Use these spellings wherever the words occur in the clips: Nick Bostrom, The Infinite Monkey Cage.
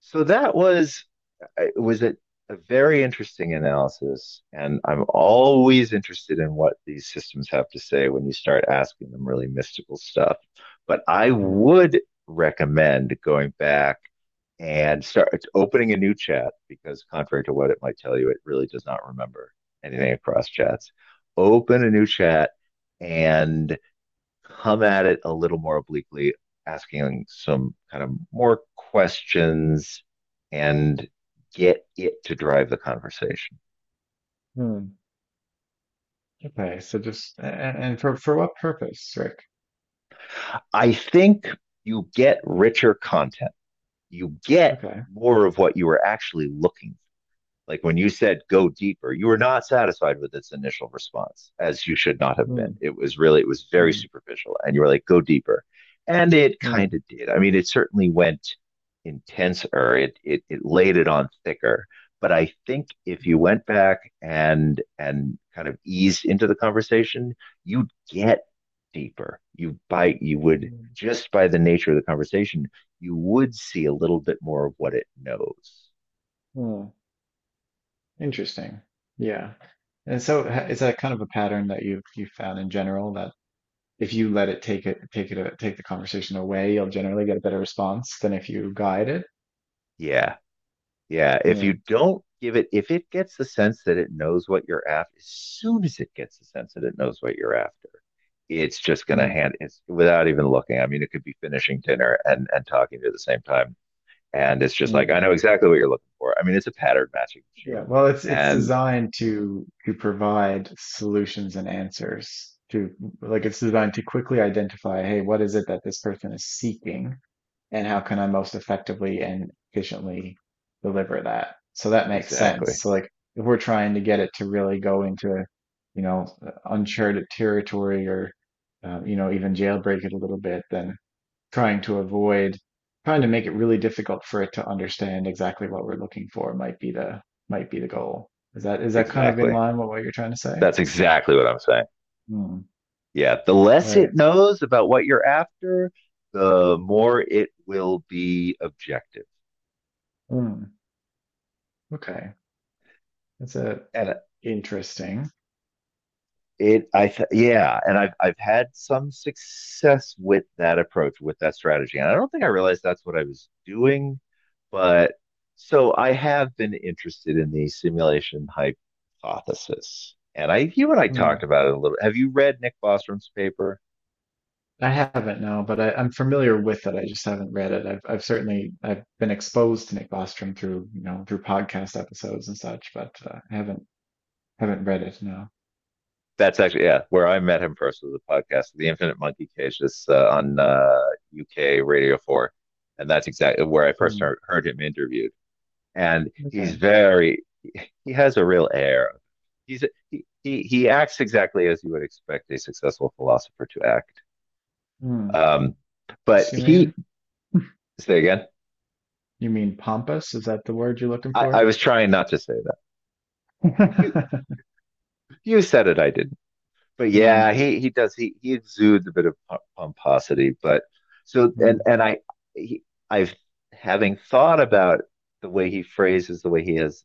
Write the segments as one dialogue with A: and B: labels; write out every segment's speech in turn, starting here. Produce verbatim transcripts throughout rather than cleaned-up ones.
A: So that was it was a, a very interesting analysis, and I'm always interested in what these systems have to say when you start asking them really mystical stuff. But I
B: Hmm.
A: would recommend going back and start opening a new chat because, contrary to what it might tell you, it really does not remember anything across chats. Open a new chat and come at it a little more obliquely, asking some kind of more questions and get it to drive the conversation.
B: Mm. Okay, so just a- a- and for for what purpose, Rick?
A: I think you get richer content. You get
B: Okay.
A: more of what you were actually looking. Like when you said go deeper, you were not satisfied with its initial response, as you should not have been.
B: Hmm.
A: It was really, it was very
B: Hmm.
A: superficial. And you were like, go deeper. And it kind
B: Hmm.
A: of did. I mean, it certainly went intenser, it, it, it laid it on thicker. But I think if you
B: Hmm.
A: went back and and kind of eased into the conversation, you'd get deeper. You by you would,
B: Mm.
A: just by the nature of the conversation, you would see a little bit more of what it knows.
B: Mm. Interesting. Yeah. And so ha- is that kind of a pattern that you you found in general that if you let it take it take it a- take the conversation away, you'll generally get a better response than if you guide it?
A: Yeah, Yeah, if you
B: Hmm.
A: don't give it, if it gets the sense that it knows what you're after, as soon as it gets the sense that it knows what you're after, it's just going to
B: Hmm.
A: hand it without even looking. I mean, it could be finishing dinner and and talking to you at the same time, and it's just like,
B: Hmm.
A: I know exactly what you're looking for. I mean, it's a pattern matching
B: Yeah,
A: machine,
B: well, it's it's
A: and
B: designed to to provide solutions and answers to, like, it's designed to quickly identify, hey, what is it that this person is seeking, and how can I most effectively and efficiently deliver that? So that makes sense.
A: exactly,
B: So, like, if we're trying to get it to really go into, you know, uncharted territory or uh, you know, even jailbreak it a little bit, then trying to avoid trying to make it really difficult for it to understand exactly what we're looking for might be the, might be the goal. Is that, is that kind of in
A: exactly,
B: line with what you're trying to say?
A: that's exactly what I'm saying.
B: Hmm.
A: Yeah, the less it
B: Right.
A: knows about what you're after, the more it will be objective.
B: Hmm. Okay. That's a,
A: And
B: interesting.
A: It, I, th- yeah, and I've I've had some success with that approach, with that strategy, and I don't think I realized that's what I was doing, but so I have been interested in the simulation hypothesis, and I, you and I
B: Hmm.
A: talked about it a little. Have you read Nick Bostrom's paper?
B: I haven't, no, but I, I'm familiar with it. I just haven't read it. I've I've certainly, I've been exposed to Nick Bostrom through, you know, through podcast episodes and such, but uh, I haven't haven't read it. No.
A: That's actually, yeah, where I met him first was a podcast, The Infinite Monkey Cage, that's uh, on uh, U K Radio Four, and that's exactly where I first
B: Hmm.
A: heard, heard him interviewed. And he's
B: Okay.
A: very He has a real air. He's a, he, he he acts exactly as you would expect a successful philosopher to act.
B: Hmm.
A: Um, but
B: What's, you
A: he,
B: mean?
A: say again.
B: You mean pompous? Is that the word you're looking
A: I, I
B: for?
A: was trying not to say that. You you said it. I didn't. But yeah,
B: Hmm,
A: he he does he he exudes a bit of pomposity. But so
B: hmm,
A: and and I, he, I've, having thought about the way he phrases the way he has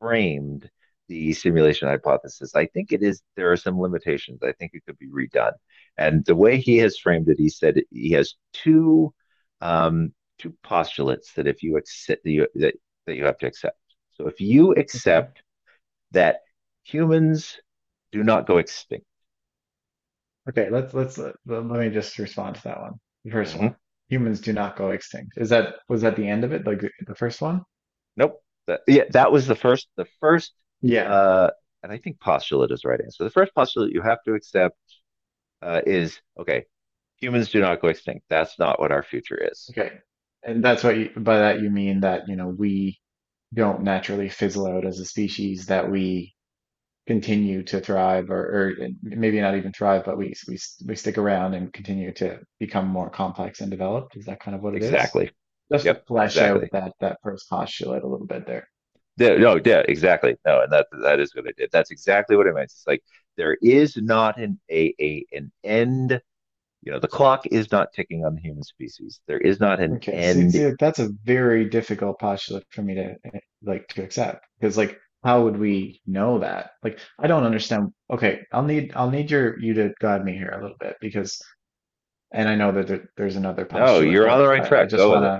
A: framed the simulation hypothesis, I think it is there are some limitations. I think it could be redone, and the way he has framed it, he said he has two um, two postulates that if you accept that you, that, that you have to accept. So if you
B: okay.
A: accept that humans do not go extinct.
B: Okay. Let's let's uh, let let me just respond to that one. The first
A: Mm-hmm.
B: one. Humans do not go extinct. Is that, was that the end of it? Like the, the first one?
A: Nope. That, yeah, that was the first, the first,
B: Yeah.
A: uh, and I think postulate is the right answer. The first postulate you have to accept, uh, is okay, humans do not go extinct. That's not what our future is.
B: Okay. And that's what you, by that you mean that, you know, we don't naturally fizzle out as a species, that we continue to thrive, or, or maybe not even thrive, but we, we we stick around and continue to become more complex and developed. Is that kind of what it is?
A: Exactly.
B: Just to
A: Yep.
B: flesh out
A: Exactly.
B: that that first postulate a little bit there.
A: Yeah, no, yeah, exactly. No, and that that is what I did. That's exactly what I meant. It's like there is not an a, a an end. You know, the clock is not ticking on the human species. There is not an
B: Okay. See,
A: end.
B: see, like, that's a very difficult postulate for me to, eh, like, to accept, because, like, how would we know that? Like, I don't understand. Okay, I'll need I'll need your, you to guide me here a little bit because, and I know that there, there's another
A: No,
B: postulate,
A: you're
B: but
A: on the right
B: I, I
A: track.
B: just
A: Go with
B: want
A: it.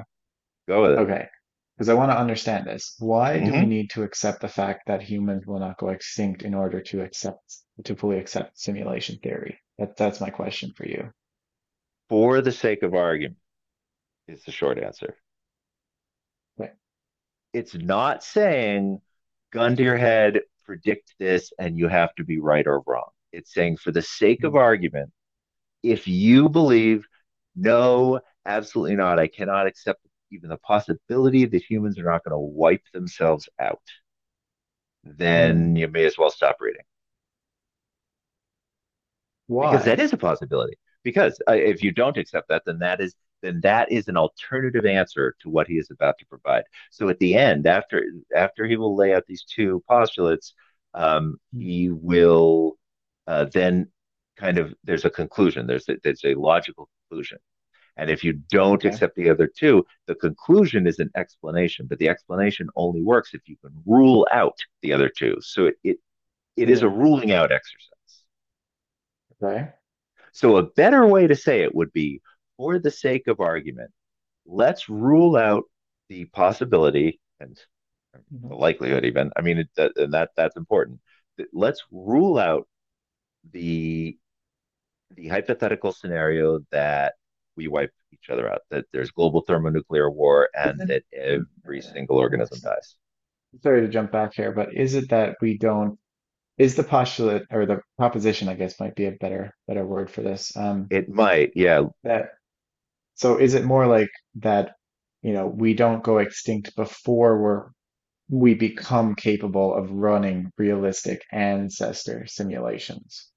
A: Go with
B: to,
A: it.
B: okay, because I want to understand this. Why do we
A: hmm
B: need to accept the fact that humans will not go extinct in order to accept, to fully accept simulation theory? That, that's my question for you.
A: For the sake of argument, is the short answer.
B: Like,
A: It's not saying, gun to your head, predict this, and you have to be right or wrong. It's saying, for the sake of
B: hmm,
A: argument, if you believe, no, absolutely not, I cannot accept even the possibility that humans are not going to wipe themselves out, then
B: hmm,
A: you may as well stop reading. Because that
B: why?
A: is a possibility. Because uh, if you don't accept that, then that is, then that is an alternative answer to what he is about to provide. So at the end, after, after he will lay out these two postulates, um,
B: Hmm,
A: he will uh, then, kind of, there's a conclusion. There's a, there's a logical conclusion. And if you don't
B: okay.
A: accept the other two, the conclusion is an explanation, but the explanation only works if you can rule out the other two. So it, it, it is a
B: Hmm,
A: ruling out exercise.
B: okay.
A: So, a better way to say it would be, for the sake of argument, let's rule out the possibility and the
B: Mhm.
A: likelihood, even. I mean, it, and that that's important. Let's rule out the the hypothetical scenario that we wipe each other out, that there's global thermonuclear war,
B: Is
A: and
B: it,
A: that every single
B: uh, uh,
A: organism dies.
B: sorry to jump back here, but is it that we don't, is the postulate or the proposition, I guess, might be a better better word for this. Um,
A: It might, yeah,
B: that, so is it more like that, you know, we don't go extinct before we're, we become capable of running realistic ancestor simulations?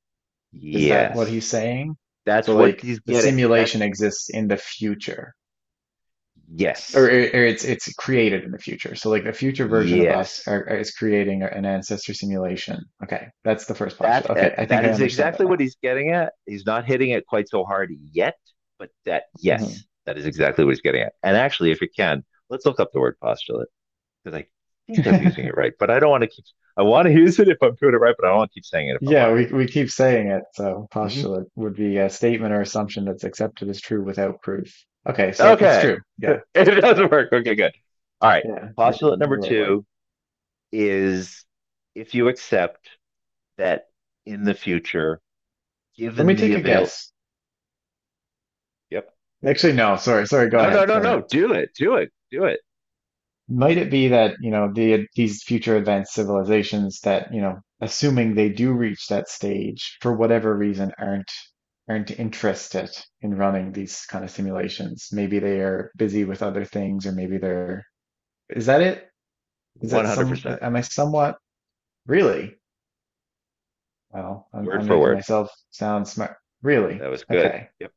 B: Is that what
A: yes.
B: he's saying?
A: That's
B: So,
A: what
B: like,
A: he's
B: the
A: getting. That's
B: simulation exists in the future. or, or
A: yes,
B: it's it's created in the future. So, like, the future version of us
A: yes.
B: are, is creating an ancestor simulation. Okay, that's the first
A: That,
B: postulate.
A: uh,
B: Okay, I think
A: that
B: I
A: is
B: understand it
A: exactly what he's getting at. He's not hitting it quite so hard yet, but that,
B: now.
A: yes, that is exactly what he's getting at. And actually, if you can, let's look up the word postulate because I think I'm using it
B: Mhm.
A: right, but I don't want to keep. I want to use it if I'm doing it right, but I don't want to keep saying it if I'm
B: Yeah,
A: wrong.
B: we we keep saying it. So
A: Mm-hmm.
B: postulate would be a statement or assumption that's accepted as true without proof. Okay, so it's
A: Okay,
B: true. Yeah,
A: it doesn't
B: yeah,
A: work. Okay, good. All right.
B: yeah. You're
A: Postulate
B: using
A: number
B: the right word.
A: two is, if you accept that in the future,
B: Let
A: given
B: me
A: the
B: take a
A: avail.
B: guess.
A: Yep.
B: Actually, no. Sorry, sorry. Go
A: No,
B: ahead.
A: no, no,
B: Go ahead.
A: no. Do it. Do it. Do it.
B: Might it be that, you know, the, these future advanced civilizations that, you know, assuming they do reach that stage, for whatever reason, aren't aren't interested in running these kind of simulations? Maybe they are busy with other things, or maybe they're, is that it? Is that some,
A: one hundred percent.
B: am I somewhat, really? Well, I'm,
A: Word
B: I'm
A: for
B: making
A: word.
B: myself sound smart. Really?
A: That was good.
B: Okay.
A: Yep.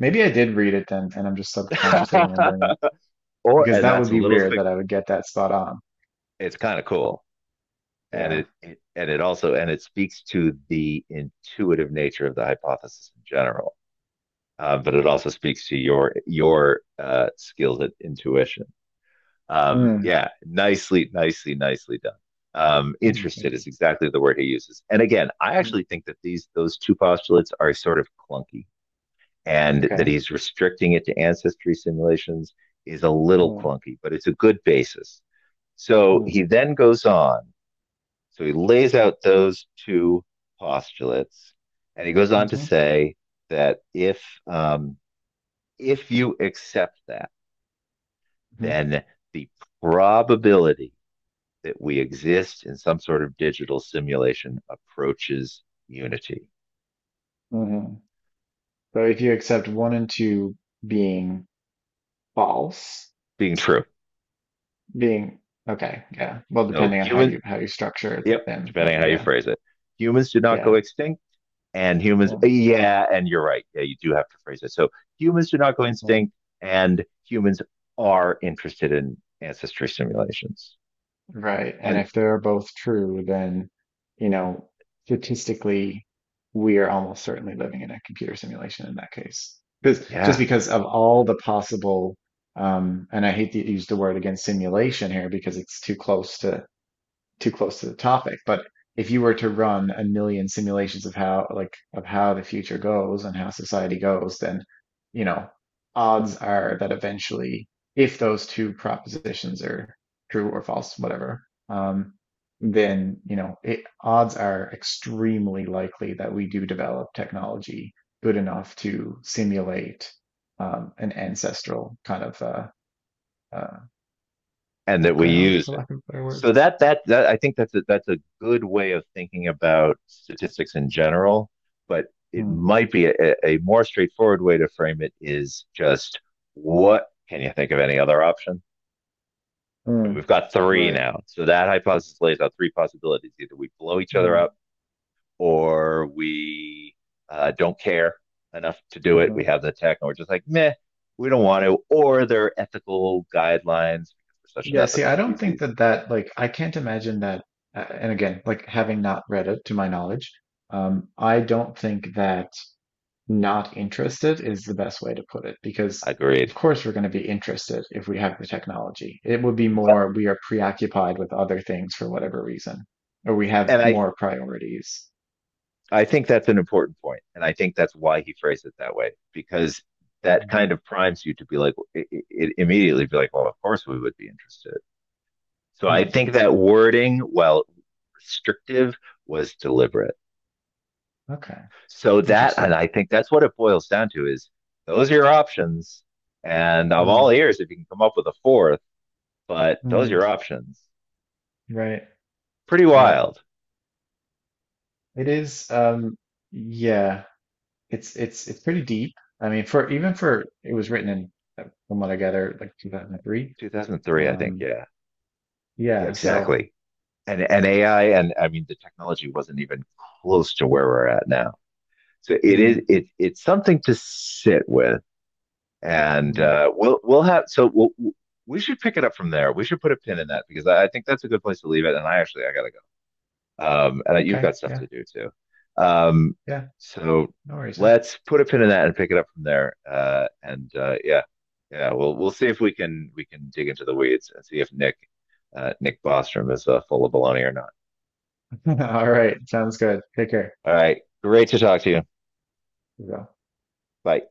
B: Maybe I did read it then, and I'm just subconsciously remembering it
A: Or
B: because
A: and
B: that would
A: that's a
B: be
A: little,
B: weird that I would get that spot on.
A: it's kind of cool. And
B: Yeah.
A: it, it and it also and it speaks to the intuitive nature of the hypothesis in general. Uh, but it also speaks to your your uh, skills at intuition. Um,
B: Hmm.
A: yeah, nicely, nicely, nicely done. Um,
B: Hmm, thank
A: interested
B: you.
A: is exactly the word he uses. And again, I
B: Hmm.
A: actually think that these those two postulates are sort of clunky, and that
B: Okay.
A: he's restricting it to ancestry simulations is a little
B: Well,
A: clunky, but it's a good basis. So
B: well,
A: he then goes on. So he lays out those two postulates, and he goes on to
B: mhm,
A: say that if um, if you accept that,
B: mhm,
A: then the probability that we exist in some sort of digital simulation approaches unity,
B: mhm. So if you accept one and two being false,
A: being true.
B: being, okay, yeah. Well,
A: So
B: depending on how
A: humans,
B: you how you structure
A: yep,
B: them,
A: depending on
B: but
A: how you
B: yeah,
A: phrase it, humans did not go
B: yeah.
A: extinct and humans.
B: Well,
A: Yeah, and you're right. Yeah, you do have to phrase it. So humans do not go
B: well,
A: extinct, and humans are interested in ancestry simulations,
B: right. And
A: and
B: if they're both true, then, you know, statistically, we are almost certainly living in a computer simulation in that case. Because just
A: yeah,
B: because of all the possible, um, and I hate to use the word again, simulation, here because it's too close to, too close to the topic, but if you were to run a million simulations of how, like, of how the future goes and how society goes, then, you know, odds are that eventually, if those two propositions are true or false, whatever, um, then, you know, it, odds are extremely likely that we do develop technology good enough to simulate um, an ancestral kind of uh, uh,
A: and that we
B: background,
A: use
B: for
A: it.
B: lack of a better word.
A: So that that that I think that's a, that's a good way of thinking about statistics in general, but it
B: Hmm.
A: might be a, a more straightforward way to frame it is just, what can you think of any other option?
B: Hmm.
A: And we've got three
B: Right.
A: now. So that hypothesis lays out three possibilities. Either we blow each other
B: Hmm.
A: up, or we uh, don't care enough to do it.
B: Uh,
A: We have the tech, and we're just like, meh, we don't want to. Or there are ethical guidelines because we're such an
B: yeah, see,
A: ethical
B: I don't think
A: species.
B: that that, like, I can't imagine that. Uh, and again, like, having not read it to my knowledge, um, I don't think that not interested is the best way to put it
A: I
B: because of
A: Agreed.
B: course we're going to be interested if we have the technology. It would be
A: Well,
B: more, we are preoccupied with other things for whatever reason, or we
A: and
B: have
A: I
B: more priorities.
A: I think that's an important point, point. And I think that's why he phrased it that way, because that
B: Mm.
A: kind of primes you to be like, it, it immediately be like, well, of course we would be interested. So I
B: Hmm,
A: think that wording, while restrictive, was deliberate.
B: okay,
A: So that, and
B: interesting.
A: I think that's what it boils down to is, those are your options. And I'm
B: Mm,
A: all ears if you can come up with a fourth, but those are
B: mm,
A: your options.
B: right,
A: Pretty
B: right.
A: wild.
B: It is. Um, yeah, it's it's it's pretty deep. I mean, for, even for, it was written in, uh, from what I gather, like two thousand three.
A: twenty oh three, I think.
B: Um,
A: Yeah. Yeah,
B: yeah. So,
A: exactly. And, and A I, and I mean, the technology wasn't even close to where we're at now. So it is,
B: mm,
A: it, it's something to sit with. And
B: mm,
A: uh, we'll, we'll have, so we'll, we should pick it up from there. We should put a pin in that because I, I think that's a good place to leave it. And I actually, I got to go. Um, and you've
B: okay.
A: got stuff
B: Yeah.
A: to do too. Um,
B: Yeah.
A: so
B: No worries, man.
A: let's put a pin in that and pick it up from there. Uh, and uh, yeah, yeah, we'll we'll see if we can, we can dig into the weeds and see if Nick, uh, Nick Bostrom is uh, full of baloney or not.
B: All right. Sounds good. Take care.
A: All right, great to talk to you. Bye.